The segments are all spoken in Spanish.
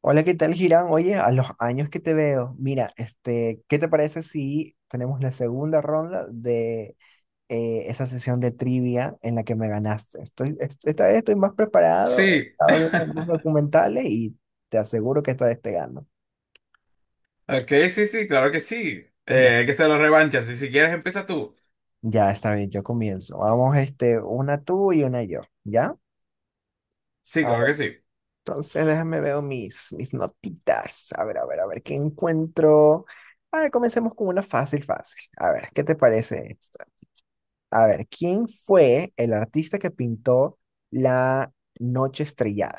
Hola, ¿qué tal, Girán? Oye, a los años que te veo, mira, ¿qué te parece si tenemos la segunda ronda de esa sesión de trivia en la que me ganaste? Esta vez estoy más preparado, he Sí, estado viendo más documentales y te aseguro que esta vez te gano. ok, sí, sí, claro que sí. Ya, Que se lo revanchas. Y si quieres, empieza tú. ya, está bien, yo comienzo. Vamos, una tú y una yo, ¿ya? Sí, A ver, claro que sí. entonces déjame ver mis notitas. A ver, ¿qué encuentro? A ver, comencemos con una fácil. A ver, ¿qué te parece? A ver, ¿quién fue el artista que pintó La Noche Estrellada?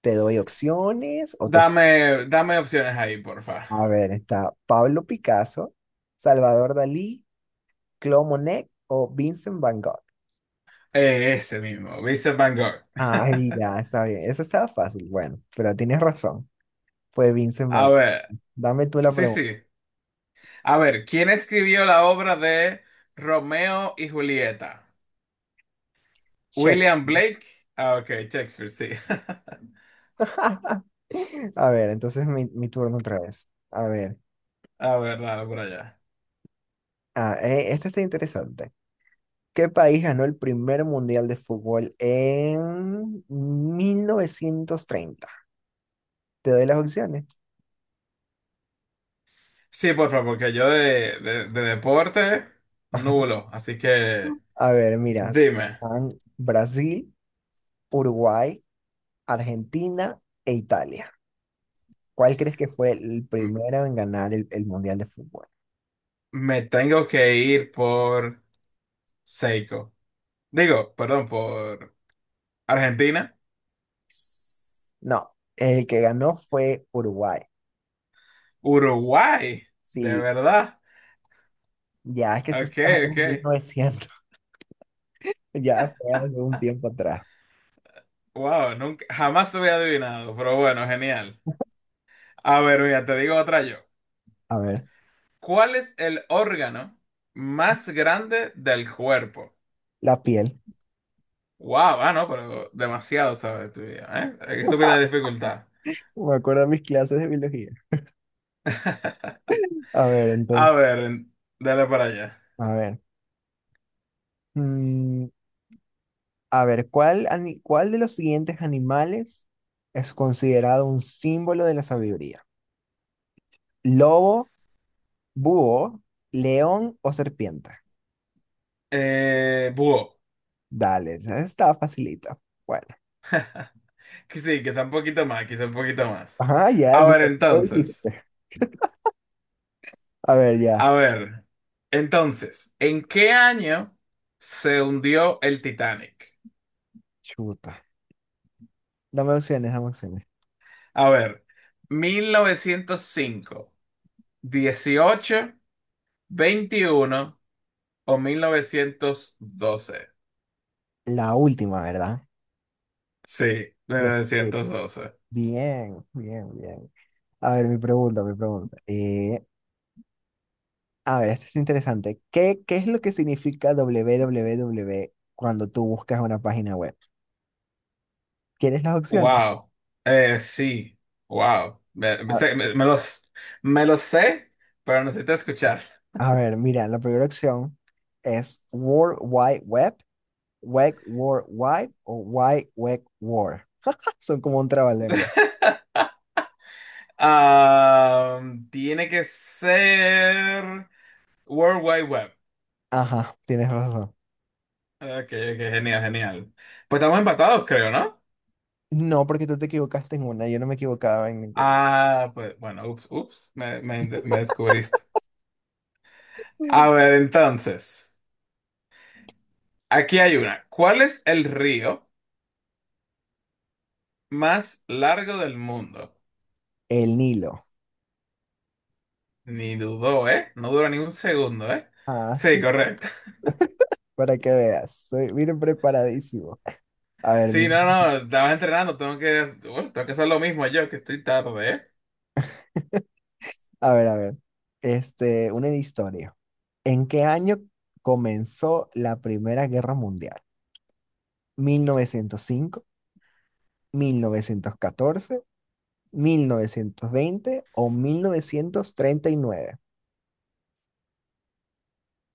Te doy opciones o te... Dame opciones ahí, porfa. A ver, está Pablo Picasso, Salvador Dalí, Claude Monet o Vincent Van Gogh. Ese mismo, Vincent Van Gogh. Ay, ya, está bien. Eso estaba fácil. Bueno, pero tienes razón. Fue Vincent Van A Gogh. ver, Dame tú la sí, pregunta. sí. A ver, ¿quién escribió la obra de Romeo y Julieta? Shake. William Blake. Ah, ok, Shakespeare, sí. A ver, entonces mi turno otra vez. A ver. A ver, dale por allá. Este está interesante. Qué país ganó el primer mundial de fútbol en 1930? Te doy las opciones. Sí, por favor, porque yo de deporte, nulo. Así que A ver, mira, dime. están Brasil, Uruguay, Argentina e Italia. ¿Cuál crees que fue el primero en ganar el mundial de fútbol? Me tengo que ir por Seiko. Digo, perdón, por Argentina. No, el que ganó fue Uruguay. Uruguay, de Sí, verdad. ya es que eso Ok, está ok. en 1900. Ya fue hace un tiempo atrás. Wow, nunca, jamás te hubiera adivinado, pero bueno, genial. A ver, mira, te digo otra yo. A ver, ¿Cuál es el órgano más grande del cuerpo? la piel. Wow, ah, no, pero demasiado, ¿sabes? Tú ya, ¿eh? Hay que subir la dificultad. Me acuerdo de mis clases de biología. A ver, A entonces. ver, dale para allá. A ver. mm, a ver, ¿ cuál de los siguientes animales es considerado un símbolo de la sabiduría? ¿Lobo, búho, león o serpiente? Búho. Dale, esa está facilita. Bueno. Que sí, quizá un poquito más, quizá un poquito más. Ajá, ya, A ver, mira, lo entonces, dijiste. A ver, ya. a ver, entonces, ¿en qué año se hundió el Titanic? Chuta. Dame opciones, dame opciones. A ver, 1905, dieciocho, 21 o 1912. La última, ¿verdad? Sí, mil Creo que sí. novecientos doce Bien. A ver, mi pregunta. A ver, esto es interesante. ¿Qué es lo que significa www cuando tú buscas una página web? ¿Quieres las opciones? Wow. Sí, wow. Me A, sé- me- me los sé, pero necesito escuchar. a ver, mira, la primera opción es World Wide Web, Web World Wide o Wide Web World. Son como un trabalengua. Ah, tiene que ser World Wide Web. Ajá, tienes razón. Ok, ok, genial, genial. Pues estamos empatados, creo, ¿no? No, porque tú te equivocaste en una, yo no me equivocaba en ninguna. Ah, pues bueno, ups, ups, me descubriste. A ver, entonces, aquí hay una. ¿Cuál es el río más largo del mundo? El Nilo. Ni dudó, ¿eh? No dura ni un segundo, ¿eh? Ah, Sí, sí, correcto. para que veas. Soy, miren, preparadísimo. A ver, Sí, no, no, estabas entrenando, tengo que, bueno, tengo que hacer lo mismo yo, que estoy tarde, ¿eh? a ver. Este, una historia. ¿En qué año comenzó la Primera Guerra Mundial? ¿Mil novecientos cinco, 1914, 1920 o 1939?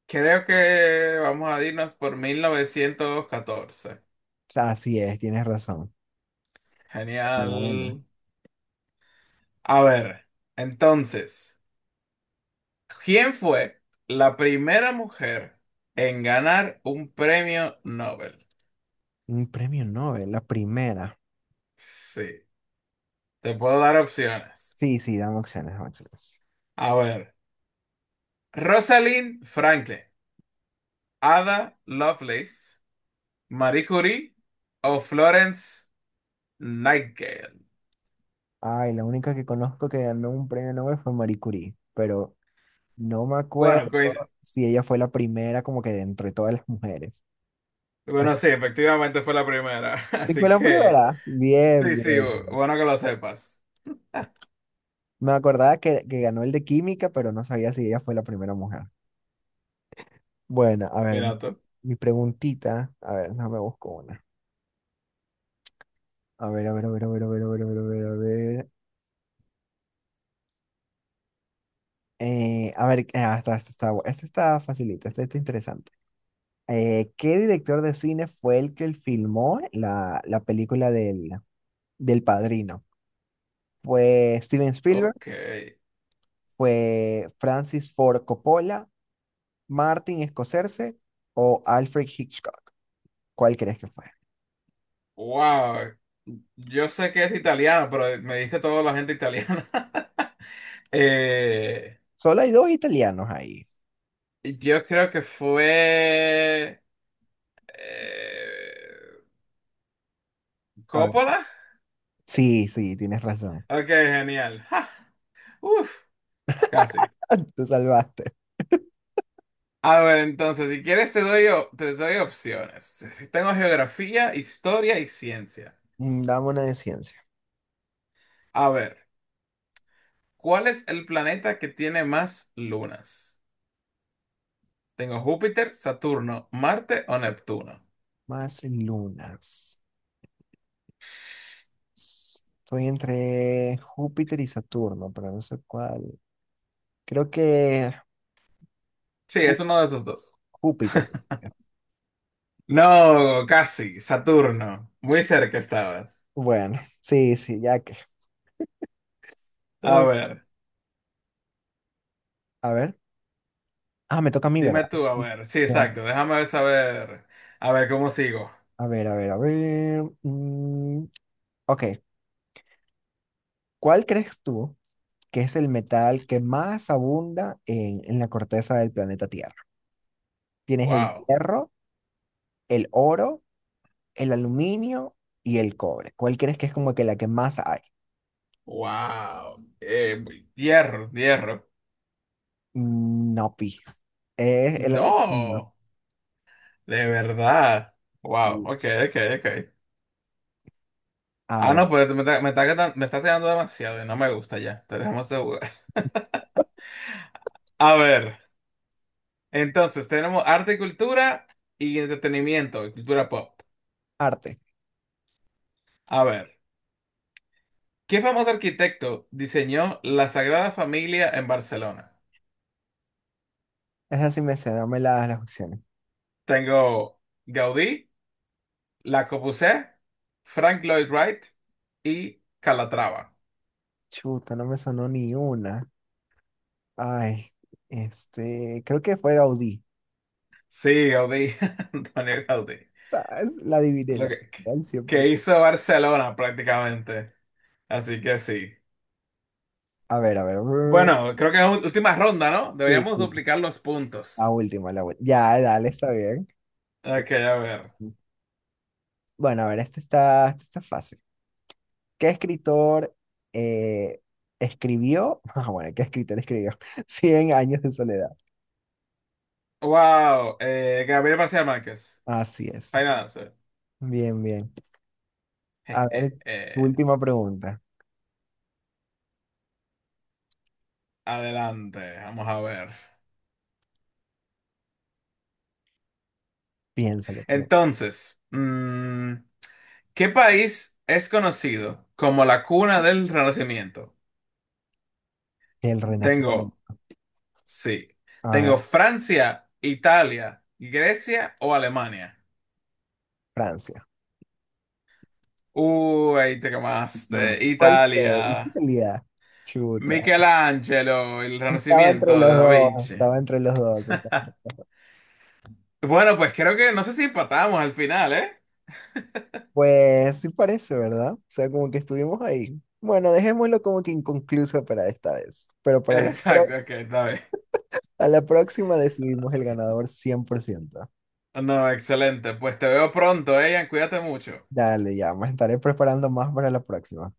Creo que vamos a irnos por 1914. Así es, tienes razón. Buena. Genial. A ver, entonces, ¿quién fue la primera mujer en ganar un premio Nobel? Un premio Nobel, la primera. Sí, te puedo dar opciones. Sí, sí, dame opciones, dame opciones. A ver, Rosalind Franklin, Ada Lovelace, Marie Curie o Florence Nightingale. Ay, la única que conozco que ganó un premio Nobel fue Marie Curie, pero no me Bueno, acuerdo coinc- si ella fue la primera como que de entre todas las mujeres. bueno, Entonces, sí, efectivamente fue la primera, ¿sí así fue la que... primera? Sí, Bien, sí, bien. Bueno que lo sepas. Me acordaba que ganó el de química, pero no sabía si ella fue la primera mujer. Bueno, a ver, Mira tú. mi preguntita. A ver, no me busco una. A ver, a ver. A ver, esta está facilita, esta está interesante. ¿Qué director de cine fue el que filmó la película del Padrino? ¿Fue Steven Spielberg? Ok. ¿Fue Francis Ford Coppola? ¿Martin Scorsese o Alfred Hitchcock? ¿Cuál crees que fue? Wow. Yo sé que es italiano, pero me diste toda la gente italiana. Eh, Solo hay dos italianos ahí. yo creo que fue eh, A ver, Coppola. sí, tienes razón. Ok, genial. Ja, uf, casi. Te salvaste. A ver, entonces, si quieres te doy opciones. Tengo geografía, historia y ciencia. Mm, dame una de ciencia. A ver, ¿cuál es el planeta que tiene más lunas? Tengo Júpiter, Saturno, Marte o Neptuno. Más lunas. Estoy entre Júpiter y Saturno, pero no sé cuál. Creo que Sí, Jú- es uno de esos dos. Júpiter. No, casi, Saturno. Muy cerca estabas. Bueno, sí, sí, ya que. A Ah, ver, a ver. Ah, me toca a mí, ¿verdad? dime tú, a Sí, ver. Sí, claro. exacto. Déjame ver, saber. A ver cómo sigo. A ver. Ok, ¿cuál crees tú que es el metal que más abunda en, la corteza del planeta Tierra? Tienes el Wow, hierro, el oro, el aluminio y el cobre. ¿Cuál crees que es como que la que más hay? wow. Hierro. No, pi. Es el aluminio. No, de verdad. Wow, Sí. ok, ok, ok. A Ah, ver, no, pues me está quedando demasiado y no me gusta ya. Te dejamos de jugar. A ver. Entonces, tenemos arte y cultura y entretenimiento y cultura pop. arte. A ver, ¿qué famoso arquitecto diseñó la Sagrada Familia en Barcelona? Esa sí me sé, dame las opciones. Tengo Gaudí, La Corbusier, Frank Lloyd Wright y Calatrava. Chuta, no me sonó ni una. Ay, este, creo que fue Gaudí. Sí, Gaudí, Antonio Gaudí. Ah, la adiviné, Lo la que, al que 100%. hizo Barcelona prácticamente. Así que sí. A ver. Brr. Bueno, creo que es última ronda, ¿no? Sí, Deberíamos sí, duplicar los puntos. la última. Ya, dale, está bien. Eh, Ok, a ver. Bueno, a ver, esta está fácil. ¿Qué escritor eh, escribió? Ah, bueno, ¿qué escritor escribió? Cien años de soledad. Wow, Gabriel García Márquez. Así Ahí es. nada, sí. Bien, bien. A ver, tu eh. última pregunta. Adelante, vamos a ver. Piénsalo tú. Entonces, ¿qué país es conocido como la cuna del Renacimiento? El Tengo, Renacimiento. sí, A ver, tengo Francia, Italia, Grecia o Alemania. Francia. Uy, ahí te Mm. quemaste. ¿Cuál fue? Italia, Italia. Chuta. Michelangelo, el Estaba entre Renacimiento los de Da dos. Vinci. Estaba entre los dos. Estaba entre los dos. Bueno, pues creo que no sé si empatamos al final, ¿eh? Pues sí parece, ¿verdad? O sea, como que estuvimos ahí. Bueno, dejémoslo como que inconcluso para esta vez. Pero para la Exacto, ok, próxima. está bien. A la próxima decidimos el ganador 100%. No, excelente. Pues te veo pronto, Ian. Cuídate mucho. Dale, ya me estaré preparando más para la próxima.